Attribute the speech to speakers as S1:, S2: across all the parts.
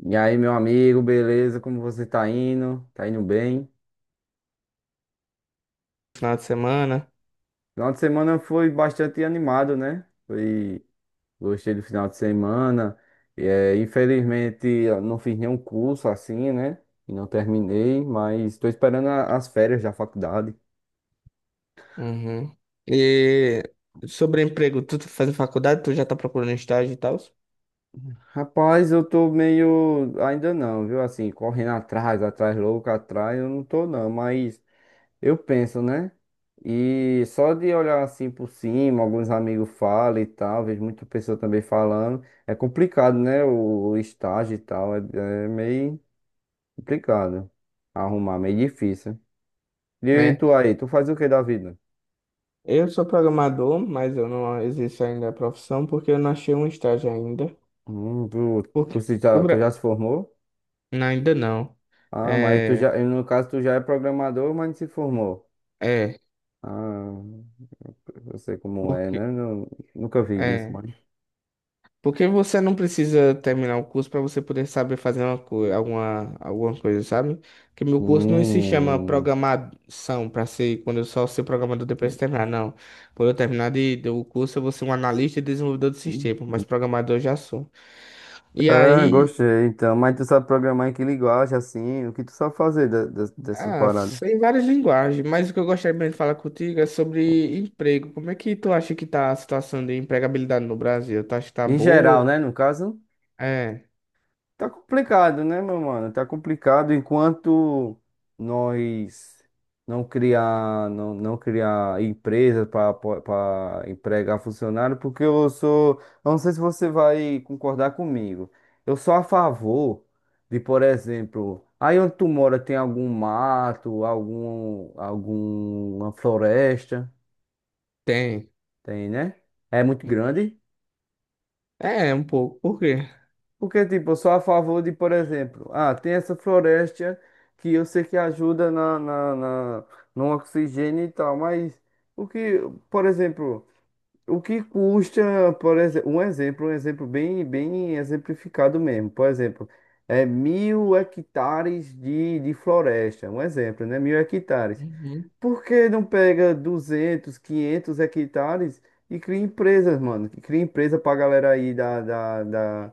S1: E aí, meu amigo, beleza? Como você tá indo? Tá indo bem?
S2: Final de semana.
S1: Final de semana foi bastante animado, né? Gostei do final de semana. E, infelizmente, eu não fiz nenhum curso assim, né? E não terminei, mas estou esperando as férias da faculdade.
S2: Uhum. E sobre emprego, tu tá fazendo faculdade, tu já tá procurando estágio e tal?
S1: Rapaz, eu tô meio. Ainda não, viu? Assim, correndo atrás, atrás, louco, atrás, eu não tô não, mas. Eu penso, né? E só de olhar assim por cima, alguns amigos falam e tal, vejo muita pessoa também falando. É complicado, né? O estágio e tal, é, é meio complicado arrumar, meio difícil. E
S2: É.
S1: tu aí, tu faz o que da vida?
S2: Eu sou programador, mas eu não exerço ainda a profissão porque eu não achei um estágio ainda.
S1: Hum, tu,
S2: Porque
S1: se
S2: o
S1: já,
S2: Bra...
S1: tu já se formou?
S2: Não, ainda não.
S1: Ah, mas tu
S2: É,
S1: já, no caso, tu já é programador, mas não se formou.
S2: é,
S1: Ah, eu sei como é,
S2: porque
S1: né? Nunca vi isso,
S2: é.
S1: mas.
S2: Porque você não precisa terminar o curso para você poder saber fazer uma coisa, alguma coisa, sabe? Porque meu curso não se chama
S1: Hum.
S2: programação para ser quando eu só ser programador depois de terminar, não. Quando eu terminar do curso, eu vou ser um analista e desenvolvedor de sistema, mas programador eu já sou. E
S1: Ah,
S2: aí,
S1: gostei, então. Mas tu sabe programar em que linguagem, assim? O que tu sabe fazer dessas
S2: ah,
S1: paradas?
S2: tem várias linguagens, mas o que eu gostaria mesmo de falar contigo é sobre emprego. Como é que tu acha que tá a situação de empregabilidade no Brasil? Tu acha que tá
S1: Em geral,
S2: boa?
S1: né? No caso,
S2: É,
S1: tá complicado, né, meu mano? Tá complicado enquanto nós não criar, não criar empresa para empregar funcionário, porque eu sou, eu não sei se você vai concordar comigo. Eu sou a favor de, por exemplo, aí onde tu mora tem algum mato, algum, alguma floresta.
S2: tem.
S1: Tem, né? É muito grande.
S2: É, um pouco. Por quê?
S1: Porque, tipo, eu sou a favor de, por exemplo, ah, tem essa floresta que eu sei que ajuda no oxigênio e tal, mas o que, por exemplo, o que custa, por exemplo, um exemplo, um exemplo bem, bem exemplificado mesmo. Por exemplo, é mil hectares de floresta. Um exemplo, né? Mil hectares. Por que não pega 200, 500 hectares e cria empresas, mano? Que cria empresa pra galera aí da, da, da,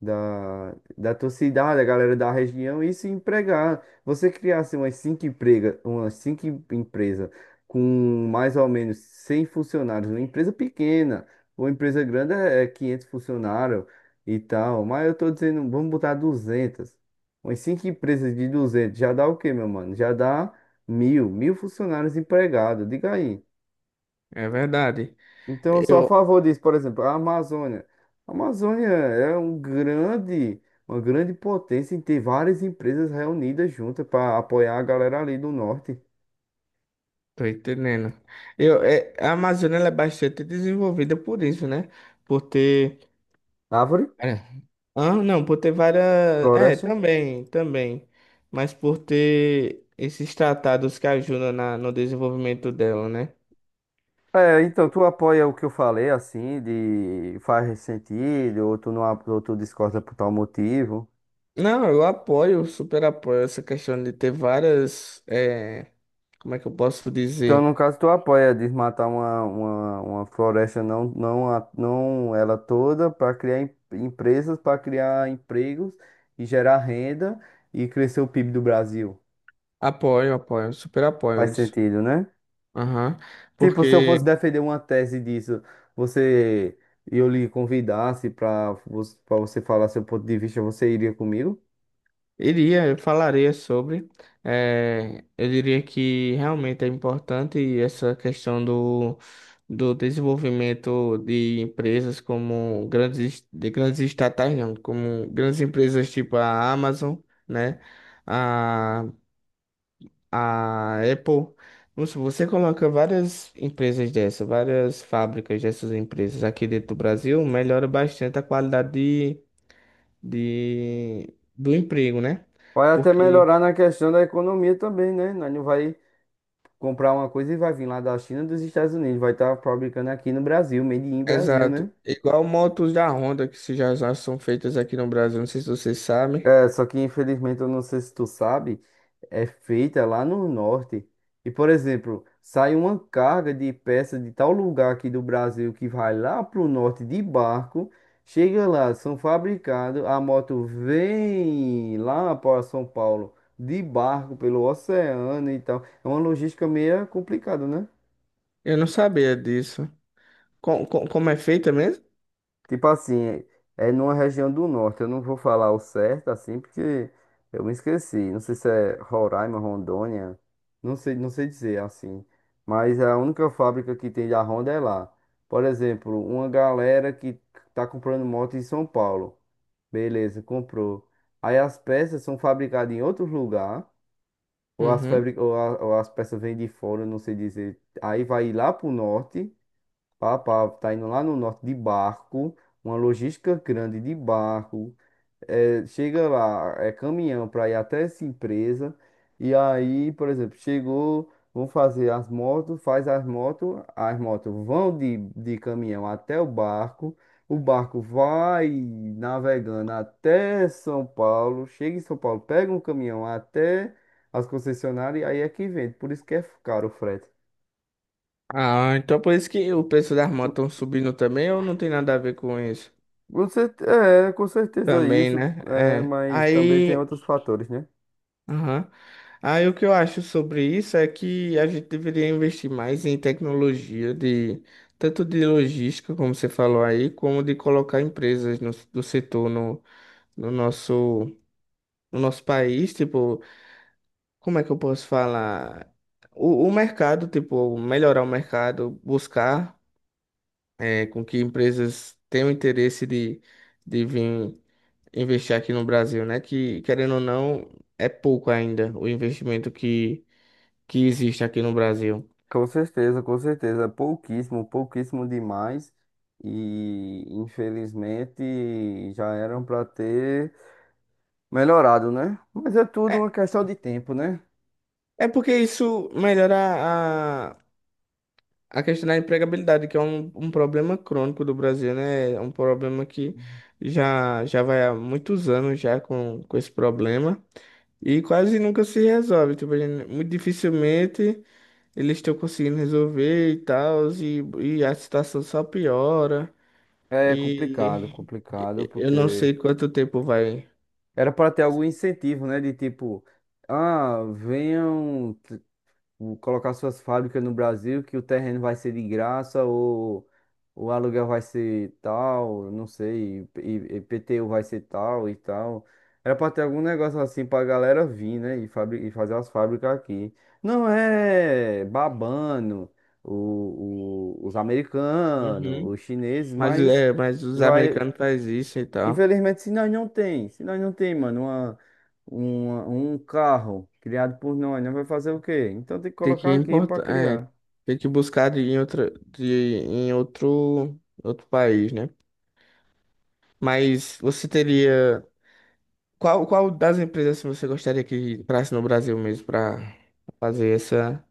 S1: da, da tua cidade, a galera da região, e se empregar. Você criasse umas cinco emprega, umas cinco empresa com mais ou menos 100 funcionários, uma empresa pequena, uma empresa grande é 500 funcionários e tal, mas eu tô dizendo, vamos botar 200. Umas cinco empresas de 200, já dá o quê, meu mano? Já dá mil funcionários empregados, diga aí.
S2: É verdade.
S1: Então, eu sou a
S2: Eu
S1: favor disso. Por exemplo, a Amazônia. A Amazônia é um grande, uma grande potência em ter várias empresas reunidas juntas para apoiar a galera ali do norte.
S2: tô entendendo. A Amazônia ela é bastante desenvolvida por isso, né? Por ter.
S1: Árvore,
S2: É. Ah, não, por ter várias. É,
S1: floresta.
S2: também, também. Mas por ter esses tratados que ajudam na, no desenvolvimento dela, né?
S1: É, então tu apoia o que eu falei, assim, de faz sentido, ou tu não, ou tu discorda por tal motivo.
S2: Não, eu apoio, super apoio essa questão de ter várias. Como é que eu posso
S1: Então, no
S2: dizer?
S1: caso, tu apoia desmatar uma floresta, não, não, não ela toda, para criar empresas, para criar empregos e gerar renda e crescer o PIB do Brasil.
S2: Apoio, apoio, super apoio
S1: Faz
S2: isso.
S1: sentido, né?
S2: Aham.
S1: Tipo, se eu
S2: Porque.
S1: fosse defender uma tese disso, você e eu lhe convidasse para você falar seu ponto de vista, você iria comigo?
S2: Iria, eu falaria sobre. Eu diria que realmente é importante essa questão do desenvolvimento de empresas como grandes, de grandes estatais, não, como grandes empresas tipo a Amazon, né? A, a Apple. Não sei, você coloca várias empresas dessas, várias fábricas dessas empresas aqui dentro do Brasil, melhora bastante a qualidade do emprego, né?
S1: Vai até
S2: Porque
S1: melhorar na questão da economia também, né? Nós não vai comprar uma coisa e vai vir lá da China, dos Estados Unidos, vai estar fabricando aqui no Brasil, made in Brasil, né?
S2: exato. Igual motos da Honda que se já já são feitas aqui no Brasil, não sei se vocês sabem.
S1: É, só que infelizmente eu não sei se tu sabe, é feita lá no norte. E por exemplo, sai uma carga de peça de tal lugar aqui do Brasil que vai lá pro norte de barco, chega lá, são fabricados, a moto vem lá para São Paulo de barco pelo oceano e tal. É uma logística meio complicada, né?
S2: Eu não sabia disso. Como é feita mesmo?
S1: Tipo assim, é numa região do norte. Eu não vou falar o certo assim, porque eu me esqueci. Não sei se é Roraima, Rondônia. Não sei, não sei dizer assim. Mas a única fábrica que tem da Honda é lá. Por exemplo, uma galera que tá comprando moto em São Paulo. Beleza, comprou. Aí as peças são fabricadas em outro lugar. Ou as,
S2: Uhum.
S1: ou as peças vêm de fora, não sei dizer. Aí vai lá pro norte. Papá tá indo lá no norte de barco, uma logística grande de barco. Chega lá, é caminhão para ir até essa empresa. E aí, por exemplo, chegou, vão fazer as motos, faz as motos vão de caminhão até o barco. O barco vai navegando até São Paulo, chega em São Paulo, pega um caminhão até as concessionárias e aí é que vende. Por isso que é caro o frete.
S2: Ah, então por isso que o preço das motos estão subindo também ou não tem nada a ver com isso?
S1: É, com certeza
S2: Também,
S1: isso,
S2: né?
S1: é,
S2: É.
S1: mas também tem
S2: Aí,
S1: outros fatores, né?
S2: aham. Aí o que eu acho sobre isso é que a gente deveria investir mais em tecnologia de tanto de logística, como você falou aí, como de colocar empresas do setor no nosso no nosso país, tipo, como é que eu posso falar? O mercado, tipo, melhorar o mercado, buscar com que empresas tenham interesse de vir investir aqui no Brasil, né? Que, querendo ou não, é pouco ainda o investimento que existe aqui no Brasil.
S1: Com certeza, com certeza. Pouquíssimo, pouquíssimo demais. E infelizmente já eram para ter melhorado, né? Mas é tudo uma questão de tempo, né?
S2: É porque isso melhora a, a questão da empregabilidade, que é um problema crônico do Brasil, né? É um problema que já vai há muitos anos já com esse problema. E quase nunca se resolve. Tipo, a gente- muito dificilmente eles estão conseguindo resolver e tal, e a situação só piora.
S1: É
S2: E
S1: complicado, complicado,
S2: eu não
S1: porque
S2: sei quanto tempo vai.
S1: era para ter algum incentivo, né? De tipo, ah, venham. Colocar suas fábricas no Brasil, que o terreno vai ser de graça ou o aluguel vai ser tal, não sei, e IPTU vai ser tal e tal. Era pra ter algum negócio assim pra galera vir, né? E, e fazer as fábricas aqui. Não é babando os americanos,
S2: Uhum.
S1: os chineses,
S2: Mas,
S1: mas
S2: é, mas os
S1: vai.
S2: americanos fazem isso e tal.
S1: Infelizmente, se nós não tem, se nós não tem, mano, uma, um carro criado por nós, nós vai fazer o quê? Então tem que
S2: Tem que
S1: colocar aqui para
S2: importar, é,
S1: criar.
S2: tem que buscar em outra, em outro, outro país, né? Mas você teria. Qual, qual das empresas assim, você gostaria que entrasse no Brasil mesmo para fazer essa.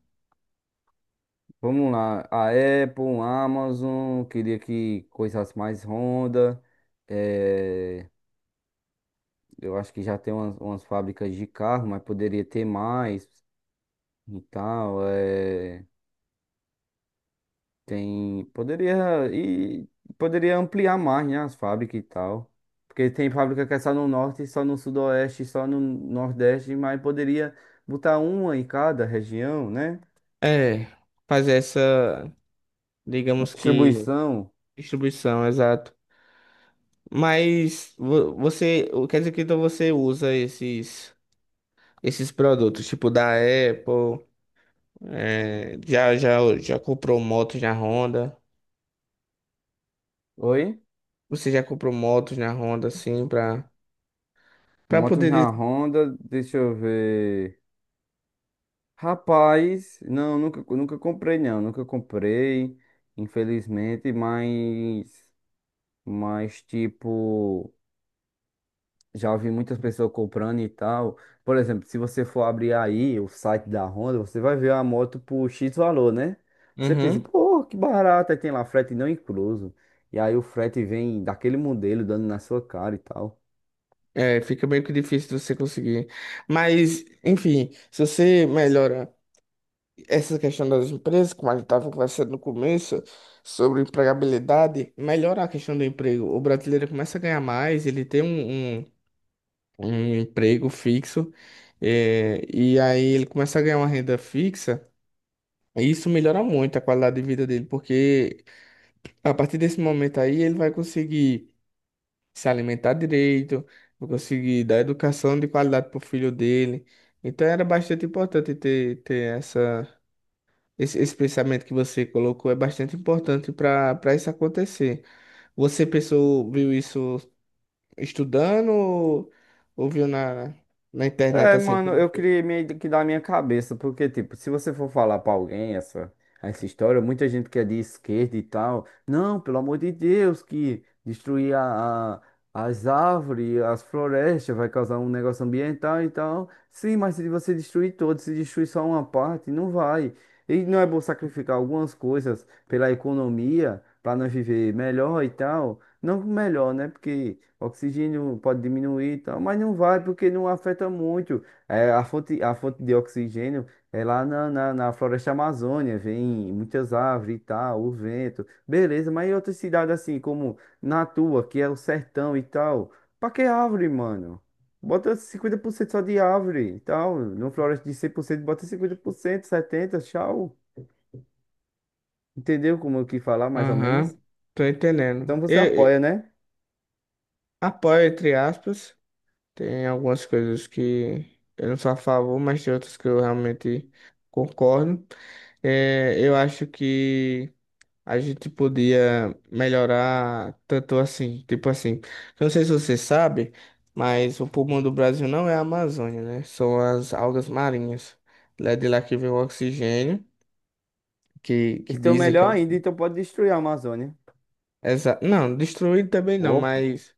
S1: Vamos lá, a Apple, a Amazon, queria que coisas mais Honda. eh, eu acho que já tem umas, umas fábricas de carro, mas poderia ter mais e tal. Tem, poderia e poderia ampliar mais, né, as fábricas e tal. Porque tem fábrica que é só no norte, só no sudoeste, só no nordeste, mas poderia botar uma em cada região, né?
S2: É, fazer essa, digamos que,
S1: Distribuição.
S2: distribuição, exato. Mas você, o- quer dizer que então você usa esses, esses produtos, tipo da Apple, já comprou motos na Honda,
S1: Oi?
S2: você já comprou motos na Honda, assim, pra
S1: Motos
S2: poder
S1: na
S2: dizer...
S1: Honda, deixa eu ver. Rapaz, não, nunca, nunca comprei não, nunca comprei, infelizmente, mas tipo já ouvi muitas pessoas comprando e tal. Por exemplo, se você for abrir aí o site da Honda, você vai ver a moto por X valor, né? Você pensa,
S2: Uhum.
S1: pô, que barato, aí tem lá frete não incluso. E aí o frete vem daquele modelo dando na sua cara e tal.
S2: É, fica meio que difícil de você conseguir. Mas, enfim, se você melhora essa questão das empresas, como a gente estava conversando no começo, sobre empregabilidade, melhora a questão do emprego. O brasileiro começa a ganhar mais, ele tem um emprego fixo, e aí ele começa a ganhar uma renda fixa, e isso melhora muito a qualidade de vida dele, porque a partir desse momento aí ele vai conseguir se alimentar direito, vai conseguir dar educação de qualidade para o filho dele. Então era bastante importante ter, ter essa. Esse pensamento que você colocou é bastante importante para para isso acontecer. Você pensou, viu isso estudando ou viu na, na internet
S1: É,
S2: assim?
S1: mano, eu queria meio que dar a minha cabeça, porque, tipo, se você for falar pra alguém essa, essa história, muita gente que é de esquerda e tal, não, pelo amor de Deus, que destruir as árvores, as florestas, vai causar um negócio ambiental e tal. Sim, mas se você destruir todos, se destruir só uma parte, não vai. E não é bom sacrificar algumas coisas pela economia, pra nós viver melhor e tal. Não que melhor, né? Porque oxigênio pode diminuir e tal, mas não vai porque não afeta muito. É, a fonte de oxigênio é lá na floresta Amazônia, vem muitas árvores e tal, o vento. Beleza, mas em outras cidades assim, como na tua, que é o sertão e tal, pra que árvore, mano? Bota 50% só de árvore e tal. Numa floresta de 100% bota 50%, 70%, tchau. Entendeu como eu quis falar, mais ou menos?
S2: Aham, tô entendendo.
S1: Então você
S2: Eu
S1: apoia, né?
S2: apoio, entre aspas. Tem algumas coisas que eu não sou a favor, mas tem outras que eu realmente concordo. É, eu acho que a gente podia melhorar tanto assim, tipo assim. Eu não sei se você sabe, mas o pulmão do Brasil não é a Amazônia, né? São as algas marinhas. Lá de lá que vem o oxigênio, que
S1: Então,
S2: dizem que é
S1: melhor
S2: o.
S1: ainda, então pode destruir a Amazônia.
S2: Exa... Não, destruído também não,
S1: Ou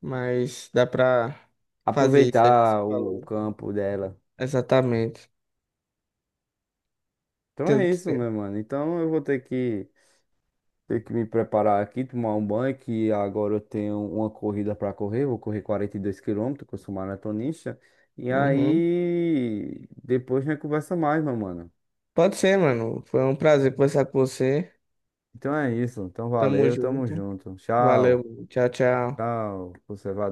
S2: mas dá pra fazer isso aí que você
S1: aproveitar o
S2: falou.
S1: campo dela.
S2: Exatamente.
S1: Então é
S2: Tanto
S1: isso, meu
S2: tempo.
S1: mano. Então eu vou ter que me preparar aqui, tomar um banho, que agora eu tenho uma corrida pra correr. Vou correr 42 quilômetros, que eu sou maratonista. E
S2: Uhum.
S1: aí, depois a gente conversa mais, meu mano.
S2: Pode ser, mano. Foi um prazer conversar com você.
S1: Então é isso. Então
S2: Tamo
S1: valeu, tamo
S2: junto.
S1: junto.
S2: Valeu.
S1: Tchau,
S2: Tchau, tchau.
S1: tchau. Você vai.